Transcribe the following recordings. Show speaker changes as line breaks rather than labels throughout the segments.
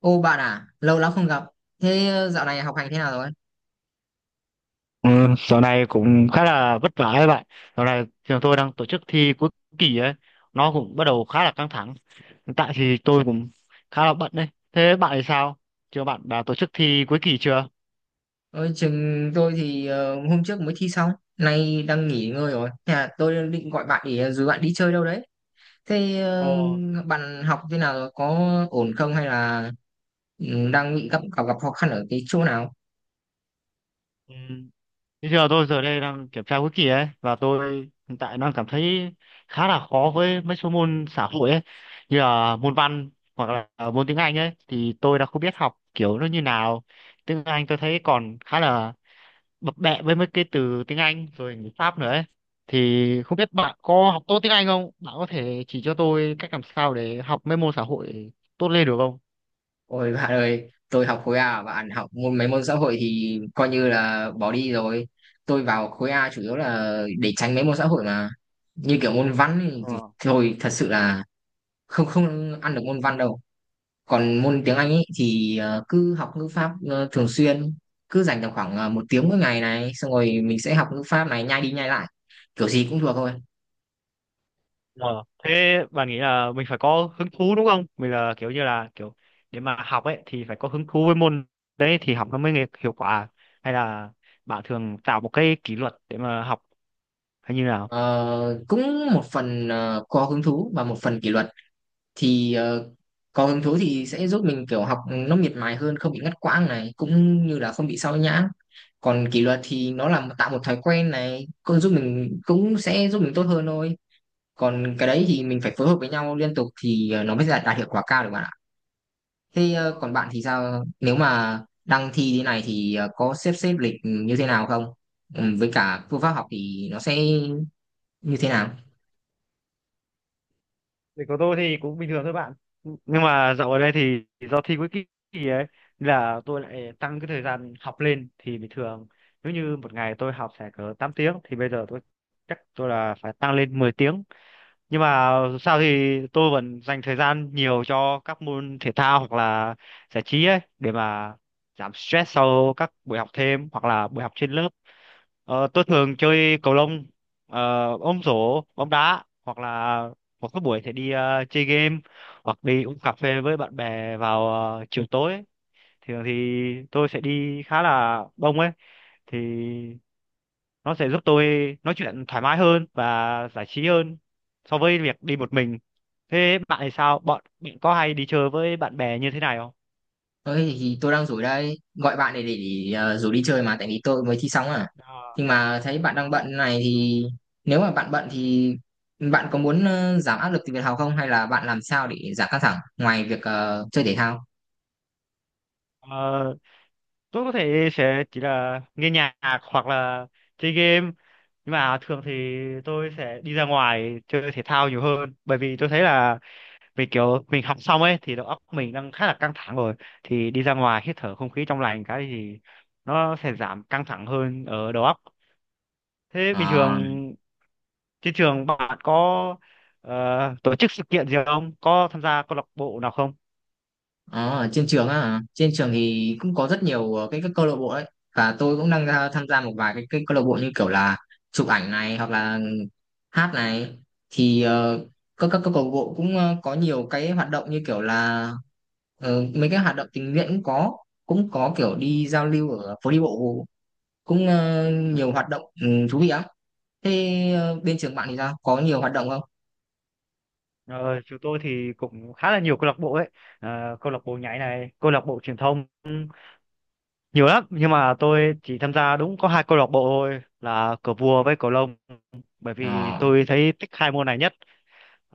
Ô bạn à, lâu lắm không gặp. Dạo này học hành thế nào rồi?
Ừ, dạo này cũng khá là vất vả ấy bạn. Dạo này trường tôi đang tổ chức thi cuối kỳ ấy, nó cũng bắt đầu khá là căng thẳng. Hiện tại thì tôi cũng khá là bận đấy. Thế bạn thì sao? Trường bạn đã tổ chức thi cuối kỳ chưa?
Ôi, trường tôi thì hôm trước mới thi xong, nay đang nghỉ ngơi rồi. Thế là tôi định gọi bạn để dù bạn đi chơi đâu đấy. Thế ờ,
Ồ,
Bạn học thế nào rồi? Có ổn không hay là đang bị gặp gặp gặp khó khăn ở cái chỗ nào?
ừ. Bây giờ tôi giờ đây đang kiểm tra cuối kỳ ấy và tôi hiện tại đang cảm thấy khá là khó với mấy số môn xã hội ấy, như là môn văn hoặc là môn tiếng Anh ấy thì tôi đã không biết học kiểu nó như nào. Tiếng Anh tôi thấy còn khá là bập bẹ với mấy cái từ tiếng Anh rồi người Pháp nữa ấy. Thì không biết bạn có học tốt tiếng Anh không? Bạn có thể chỉ cho tôi cách làm sao để học mấy môn xã hội tốt lên được không?
Ôi bạn ơi, tôi học khối A, bạn học môn mấy môn xã hội thì coi như là bỏ đi rồi. Tôi vào khối A chủ yếu là để tránh mấy môn xã hội mà. Như kiểu môn văn thì
Ờ.
thôi, thật sự là không, không ăn được môn văn đâu. Còn môn tiếng Anh ấy thì cứ học ngữ pháp thường xuyên, cứ dành tầm khoảng một tiếng mỗi ngày này, xong rồi mình sẽ học ngữ pháp này, nhai đi nhai lại kiểu gì cũng thuộc thôi.
Ờ. Thế bạn nghĩ là mình phải có hứng thú đúng không? Mình là kiểu như là kiểu để mà học ấy thì phải có hứng thú với môn đấy thì học nó mới hiệu quả, hay là bạn thường tạo một cái kỷ luật để mà học hay như nào?
Ờ, cũng một phần có hứng thú và một phần kỷ luật thì có hứng thú thì sẽ giúp mình kiểu học nó miệt mài hơn, không bị ngắt quãng này, cũng như là không bị sao nhãng. Còn kỷ luật thì nó là tạo một thói quen này, cũng giúp mình, cũng sẽ giúp mình tốt hơn thôi. Còn cái đấy thì mình phải phối hợp với nhau liên tục thì nó mới đạt hiệu quả cao được, bạn ạ. Còn bạn thì sao, nếu mà đang thi thế này thì có xếp xếp lịch như thế nào không, ừ, với cả phương pháp học thì nó sẽ như thế nào?
Thì của tôi thì cũng bình thường thôi bạn. Nhưng mà dạo ở đây thì do thi cuối kỳ ấy nên là tôi lại tăng cái thời gian học lên. Thì bình thường nếu như một ngày tôi học sẽ cỡ 8 tiếng thì bây giờ tôi chắc tôi là phải tăng lên 10 tiếng. Nhưng mà dù sao thì tôi vẫn dành thời gian nhiều cho các môn thể thao hoặc là giải trí ấy để mà giảm stress sau các buổi học thêm hoặc là buổi học trên lớp. Tôi thường chơi cầu lông, ờ, ôm rổ bóng đá, hoặc là một cái buổi thì đi chơi game hoặc đi uống cà phê với bạn bè vào chiều tối ấy. Thường thì tôi sẽ đi khá là đông ấy, thì nó sẽ giúp tôi nói chuyện thoải mái hơn và giải trí hơn so với việc đi một mình. Thế bạn thì sao, bọn bạn có hay đi chơi với bạn bè như thế này không?
Ơi thì tôi đang rủ đây, gọi bạn để rủ đi chơi mà, tại vì tôi mới thi xong à.
Ờ,
Nhưng mà thấy bạn
ờ.
đang bận này thì nếu mà bạn bận thì bạn có muốn giảm áp lực từ việc học không, hay là bạn làm sao để giảm căng thẳng ngoài việc chơi thể thao?
Ờ, tôi có thể sẽ chỉ là nghe nhạc hoặc là chơi game, nhưng mà thường thì tôi sẽ đi ra ngoài chơi thể thao nhiều hơn, bởi vì tôi thấy là vì kiểu mình học xong ấy thì đầu óc mình đang khá là căng thẳng rồi, thì đi ra ngoài hít thở không khí trong lành cái thì nó sẽ giảm căng thẳng hơn ở đầu óc. Thế bình
Ờ,
thường trên trường bạn có ờ, tổ chức sự kiện gì không? Có tham gia câu lạc bộ nào không?
ờ, ở trên trường á, trên trường thì cũng có rất nhiều các câu lạc bộ đấy, và tôi cũng đang tham gia một vài cái câu lạc bộ như kiểu là chụp ảnh này hoặc là hát này. Thì các câu lạc bộ cũng có nhiều cái hoạt động như kiểu là mấy cái hoạt động tình nguyện cũng có, cũng có kiểu đi giao lưu ở phố đi bộ, cũng nhiều hoạt động ừ, thú vị lắm. Bên trường bạn thì sao, có nhiều hoạt động không?
Ờ, chúng tôi thì cũng khá là nhiều câu lạc bộ ấy. Ờ, câu lạc bộ nhảy này, câu lạc bộ truyền thông, nhiều lắm, nhưng mà tôi chỉ tham gia đúng có hai câu lạc bộ thôi là cờ vua với cầu lông, bởi vì
Ờ.
tôi thấy thích hai môn này nhất.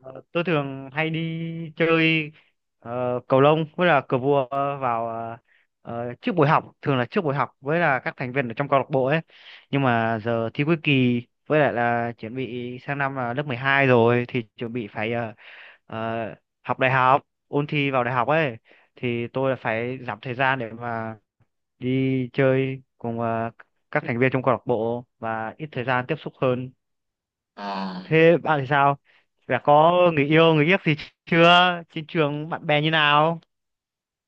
Ờ, tôi thường hay đi chơi cầu lông với là cờ vua vào trước buổi học, thường là trước buổi học với là các thành viên ở trong câu lạc bộ ấy. Nhưng mà giờ thi cuối kỳ với lại là chuẩn bị sang năm là lớp 12 rồi thì chuẩn bị phải ờ, học đại học, ôn thi vào đại học ấy, thì tôi là phải giảm thời gian để mà đi chơi cùng các thành viên trong câu lạc bộ và ít thời gian tiếp xúc hơn.
Ờ.
Thế bạn thì sao? Đã có người yêu, người ghét gì chưa? Trên trường bạn bè như nào?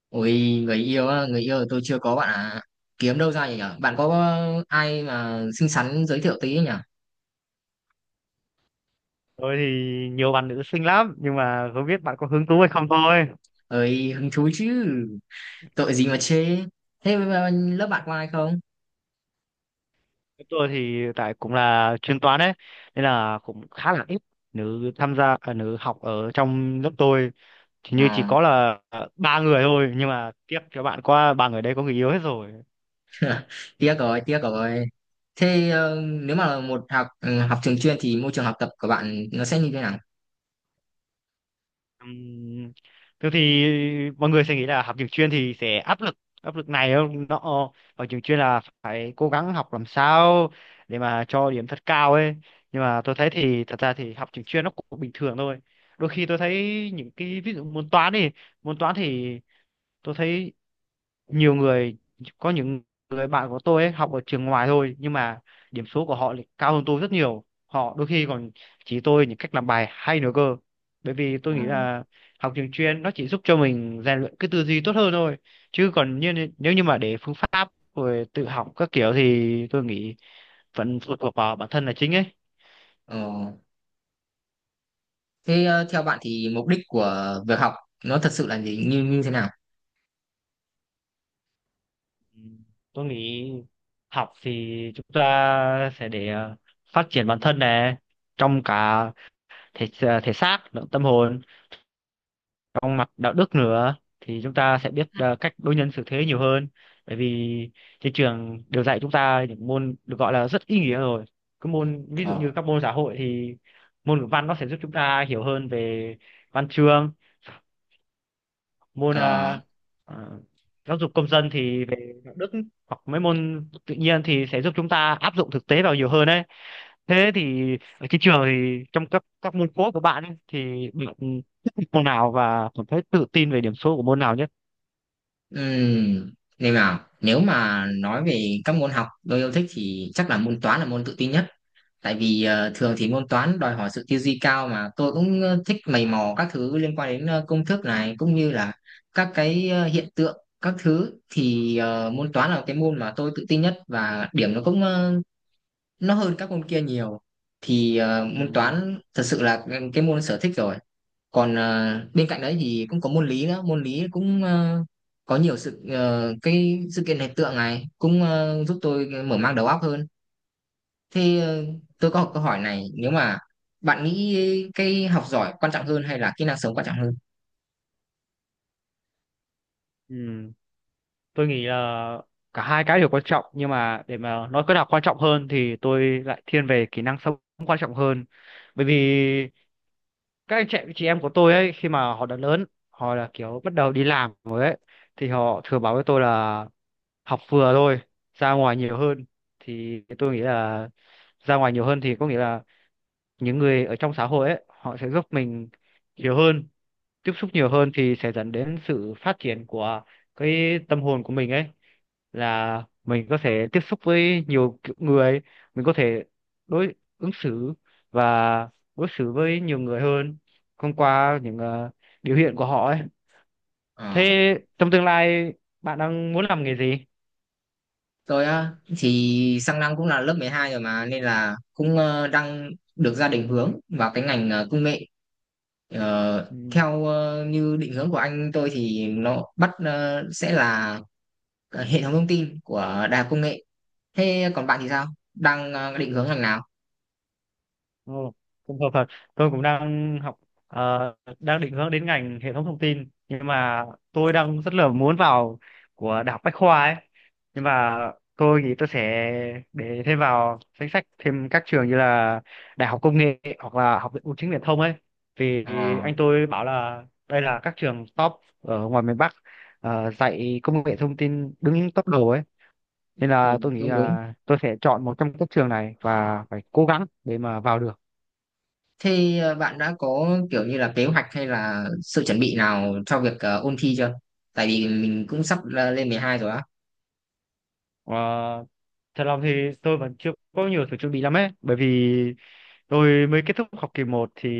Ôi, người yêu á, người yêu thì tôi chưa có bạn à. Kiếm đâu ra vậy nhở? Bạn có ai mà xinh xắn giới thiệu tí nhở?
Tôi thì nhiều bạn nữ xinh lắm, nhưng mà không biết bạn có hứng thú hay không thôi.
Ơi, hứng thú chứ. Tội gì mà chê. Thế mà lớp bạn có ai không?
Tôi thì tại cũng là chuyên toán ấy, nên là cũng khá là ít nữ tham gia, à, nữ học ở trong lớp tôi. Thì như chỉ
Ờ.
có là à, ba người thôi, nhưng mà tiếc cho bạn qua ba người đấy có người yêu hết rồi.
Tiếc rồi, tiếc rồi. Nếu mà là một học học trường chuyên thì môi trường học tập của bạn nó sẽ như thế nào?
Ừm, Thường thì mọi người sẽ nghĩ là học trường chuyên thì sẽ áp lực, áp lực này, không, nó ở trường chuyên là phải cố gắng học làm sao để mà cho điểm thật cao ấy. Nhưng mà tôi thấy thì thật ra thì học trường chuyên nó cũng bình thường thôi. Đôi khi tôi thấy những cái ví dụ môn toán đi, môn toán thì tôi thấy nhiều người, có những người bạn của tôi ấy học ở trường ngoài thôi nhưng mà điểm số của họ lại cao hơn tôi rất nhiều, họ đôi khi còn chỉ tôi những cách làm bài hay nữa cơ. Bởi vì tôi
Ờ.
nghĩ là học trường chuyên nó chỉ giúp cho mình rèn luyện cái tư duy tốt hơn thôi, chứ còn như nếu như mà để phương pháp rồi tự học các kiểu thì tôi nghĩ vẫn phụ thuộc vào bản thân là chính ấy.
Ờ. Theo bạn thì mục đích của việc học nó thật sự là gì, như như thế nào?
Ừ, tôi nghĩ học thì chúng ta sẽ để phát triển bản thân này, trong cả thể thể xác lẫn tâm hồn, trong mặt đạo đức nữa thì chúng ta sẽ biết cách đối nhân xử thế nhiều hơn. Bởi vì trên trường đều dạy chúng ta những môn được gọi là rất ý nghĩa rồi, cái môn ví dụ
Ờ.
như các môn xã hội thì môn ngữ văn nó sẽ giúp chúng ta hiểu hơn về văn chương, môn
Ờ.
ờ, giáo dục công dân thì về đạo đức, hoặc mấy môn tự nhiên thì sẽ giúp chúng ta áp dụng thực tế vào nhiều hơn đấy. Thế thì ở trên trường thì trong các môn cốt của bạn ấy, thì bạn thích môn nào và cảm thấy tự tin về điểm số của môn nào nhất?
Ừm, nên là nếu mà nói về các môn học tôi yêu thích thì chắc là môn toán là môn tự tin nhất, tại vì thường thì môn toán đòi hỏi sự tư duy cao, mà tôi cũng thích mày mò các thứ liên quan đến công thức này, cũng như là các cái hiện tượng các thứ. Thì môn toán là cái môn mà tôi tự tin nhất, và điểm nó cũng nó hơn các môn kia nhiều. Thì môn
Ừ.
toán thật sự là cái môn sở thích rồi. Còn à, bên cạnh đấy thì cũng có môn lý nữa, môn lý cũng à, có nhiều sự cái sự kiện, hiện tượng này, cũng giúp tôi mở mang đầu óc hơn. thế ờ, tôi có một câu hỏi này, nếu mà bạn nghĩ cái học giỏi quan trọng hơn hay là kỹ năng sống quan trọng hơn?
Ừ. Tôi nghĩ là cả hai cái đều quan trọng, nhưng mà để mà nói cái nào quan trọng hơn thì tôi lại thiên về kỹ năng sống quan trọng hơn. Bởi vì các anh chị em của tôi ấy khi mà họ đã lớn, họ là kiểu bắt đầu đi làm rồi ấy, thì họ thường bảo với tôi là học vừa thôi, ra ngoài nhiều hơn. Thì tôi nghĩ là ra ngoài nhiều hơn thì có nghĩa là những người ở trong xã hội ấy họ sẽ giúp mình nhiều hơn, tiếp xúc nhiều hơn thì sẽ dẫn đến sự phát triển của cái tâm hồn của mình ấy, là mình có thể tiếp xúc với nhiều kiểu người, mình có thể đối ứng xử và đối xử với nhiều người hơn thông qua những biểu hiện của họ ấy.
Ờ,
Thế trong tương lai bạn đang muốn làm nghề gì?
tôi á, thì sang năm cũng là lớp 12 rồi mà, nên là cũng đang được gia đình hướng vào cái ngành công nghệ. Ờ,
Ừ,
theo như định hướng của anh tôi thì nó sẽ là cả hệ thống thông tin của đại học công nghệ. Thế còn bạn thì sao, đang định hướng ngành nào?
Ồ, cũng hợp thật. Tôi cũng đang học, ờ, đang định hướng đến ngành hệ thống thông tin, nhưng mà tôi đang rất là muốn vào của đại học Bách Khoa ấy. Nhưng mà tôi nghĩ tôi sẽ để thêm vào danh sách thêm các trường như là Đại học Công nghệ hoặc là Học viện Bưu chính Viễn thông ấy. Vì
À,
anh tôi bảo là đây là các trường top ở ngoài miền Bắc dạy công nghệ thông tin đứng top đầu ấy. Nên
ừ,
là tôi nghĩ
đúng đúng.
là tôi sẽ chọn một trong các trường này và phải cố gắng để mà vào được.
Bạn đã có kiểu như là kế hoạch hay là sự chuẩn bị nào cho việc ôn thi chưa, tại vì mình cũng sắp lên 12 rồi á.
Ờ, thật lòng thì tôi vẫn chưa có nhiều sự chuẩn bị lắm ấy, bởi vì tôi mới kết thúc học kỳ 1 thì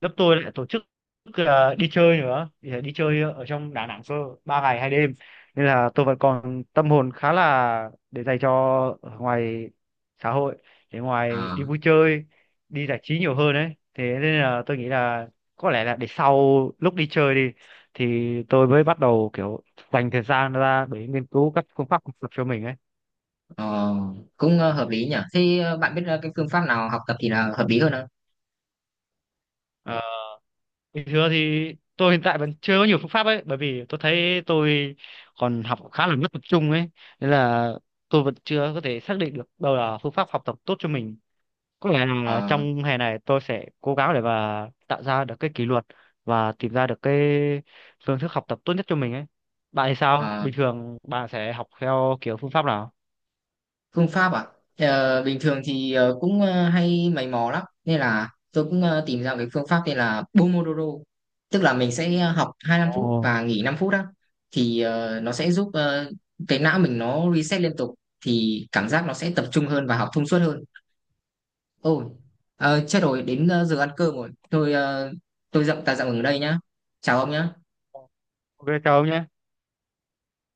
lớp tôi lại tổ chức là đi chơi nữa, thì đi chơi ở trong Đà Nẵng cơ, 3 ngày 2 đêm, nên là tôi vẫn còn tâm hồn khá là để dành cho ở ngoài xã hội, để ngoài đi
À,
vui chơi, đi giải trí nhiều hơn đấy. Thế nên là tôi nghĩ là có lẽ là để sau lúc đi chơi đi thì tôi mới bắt đầu kiểu dành thời gian ra để nghiên cứu các phương pháp học tập cho mình ấy.
ờ, cũng hợp lý nhỉ. Bạn biết cái phương pháp nào học tập thì là hợp lý hơn
Ờ. Bình thường thì tôi hiện tại vẫn chưa có nhiều phương pháp ấy, bởi vì tôi thấy tôi còn học khá là mất tập trung ấy, nên là tôi vẫn chưa có thể xác định được đâu là phương pháp học tập tốt cho mình. Có lẽ là
không?
trong hè này tôi sẽ cố gắng để mà tạo ra được cái kỷ luật và tìm ra được cái phương thức học tập tốt nhất cho mình ấy. Bạn thì sao,
À,
bình thường bạn sẽ học theo kiểu phương pháp nào?
phương pháp à? Ờ, bình thường thì cũng hay mày mò lắm, nên là tôi cũng tìm ra cái phương pháp tên là Pomodoro. Tức là mình sẽ học 25 phút
Ồ.
và nghỉ 5 phút đó. Thì nó sẽ giúp cái não mình nó reset liên tục, thì cảm giác nó sẽ tập trung hơn và học thông suốt hơn. Ôi, chết rồi, đến giờ ăn cơm rồi. Tôi dậm ta dậm ở đây nhá. Chào ông nhá.
OK, chào ông nhé.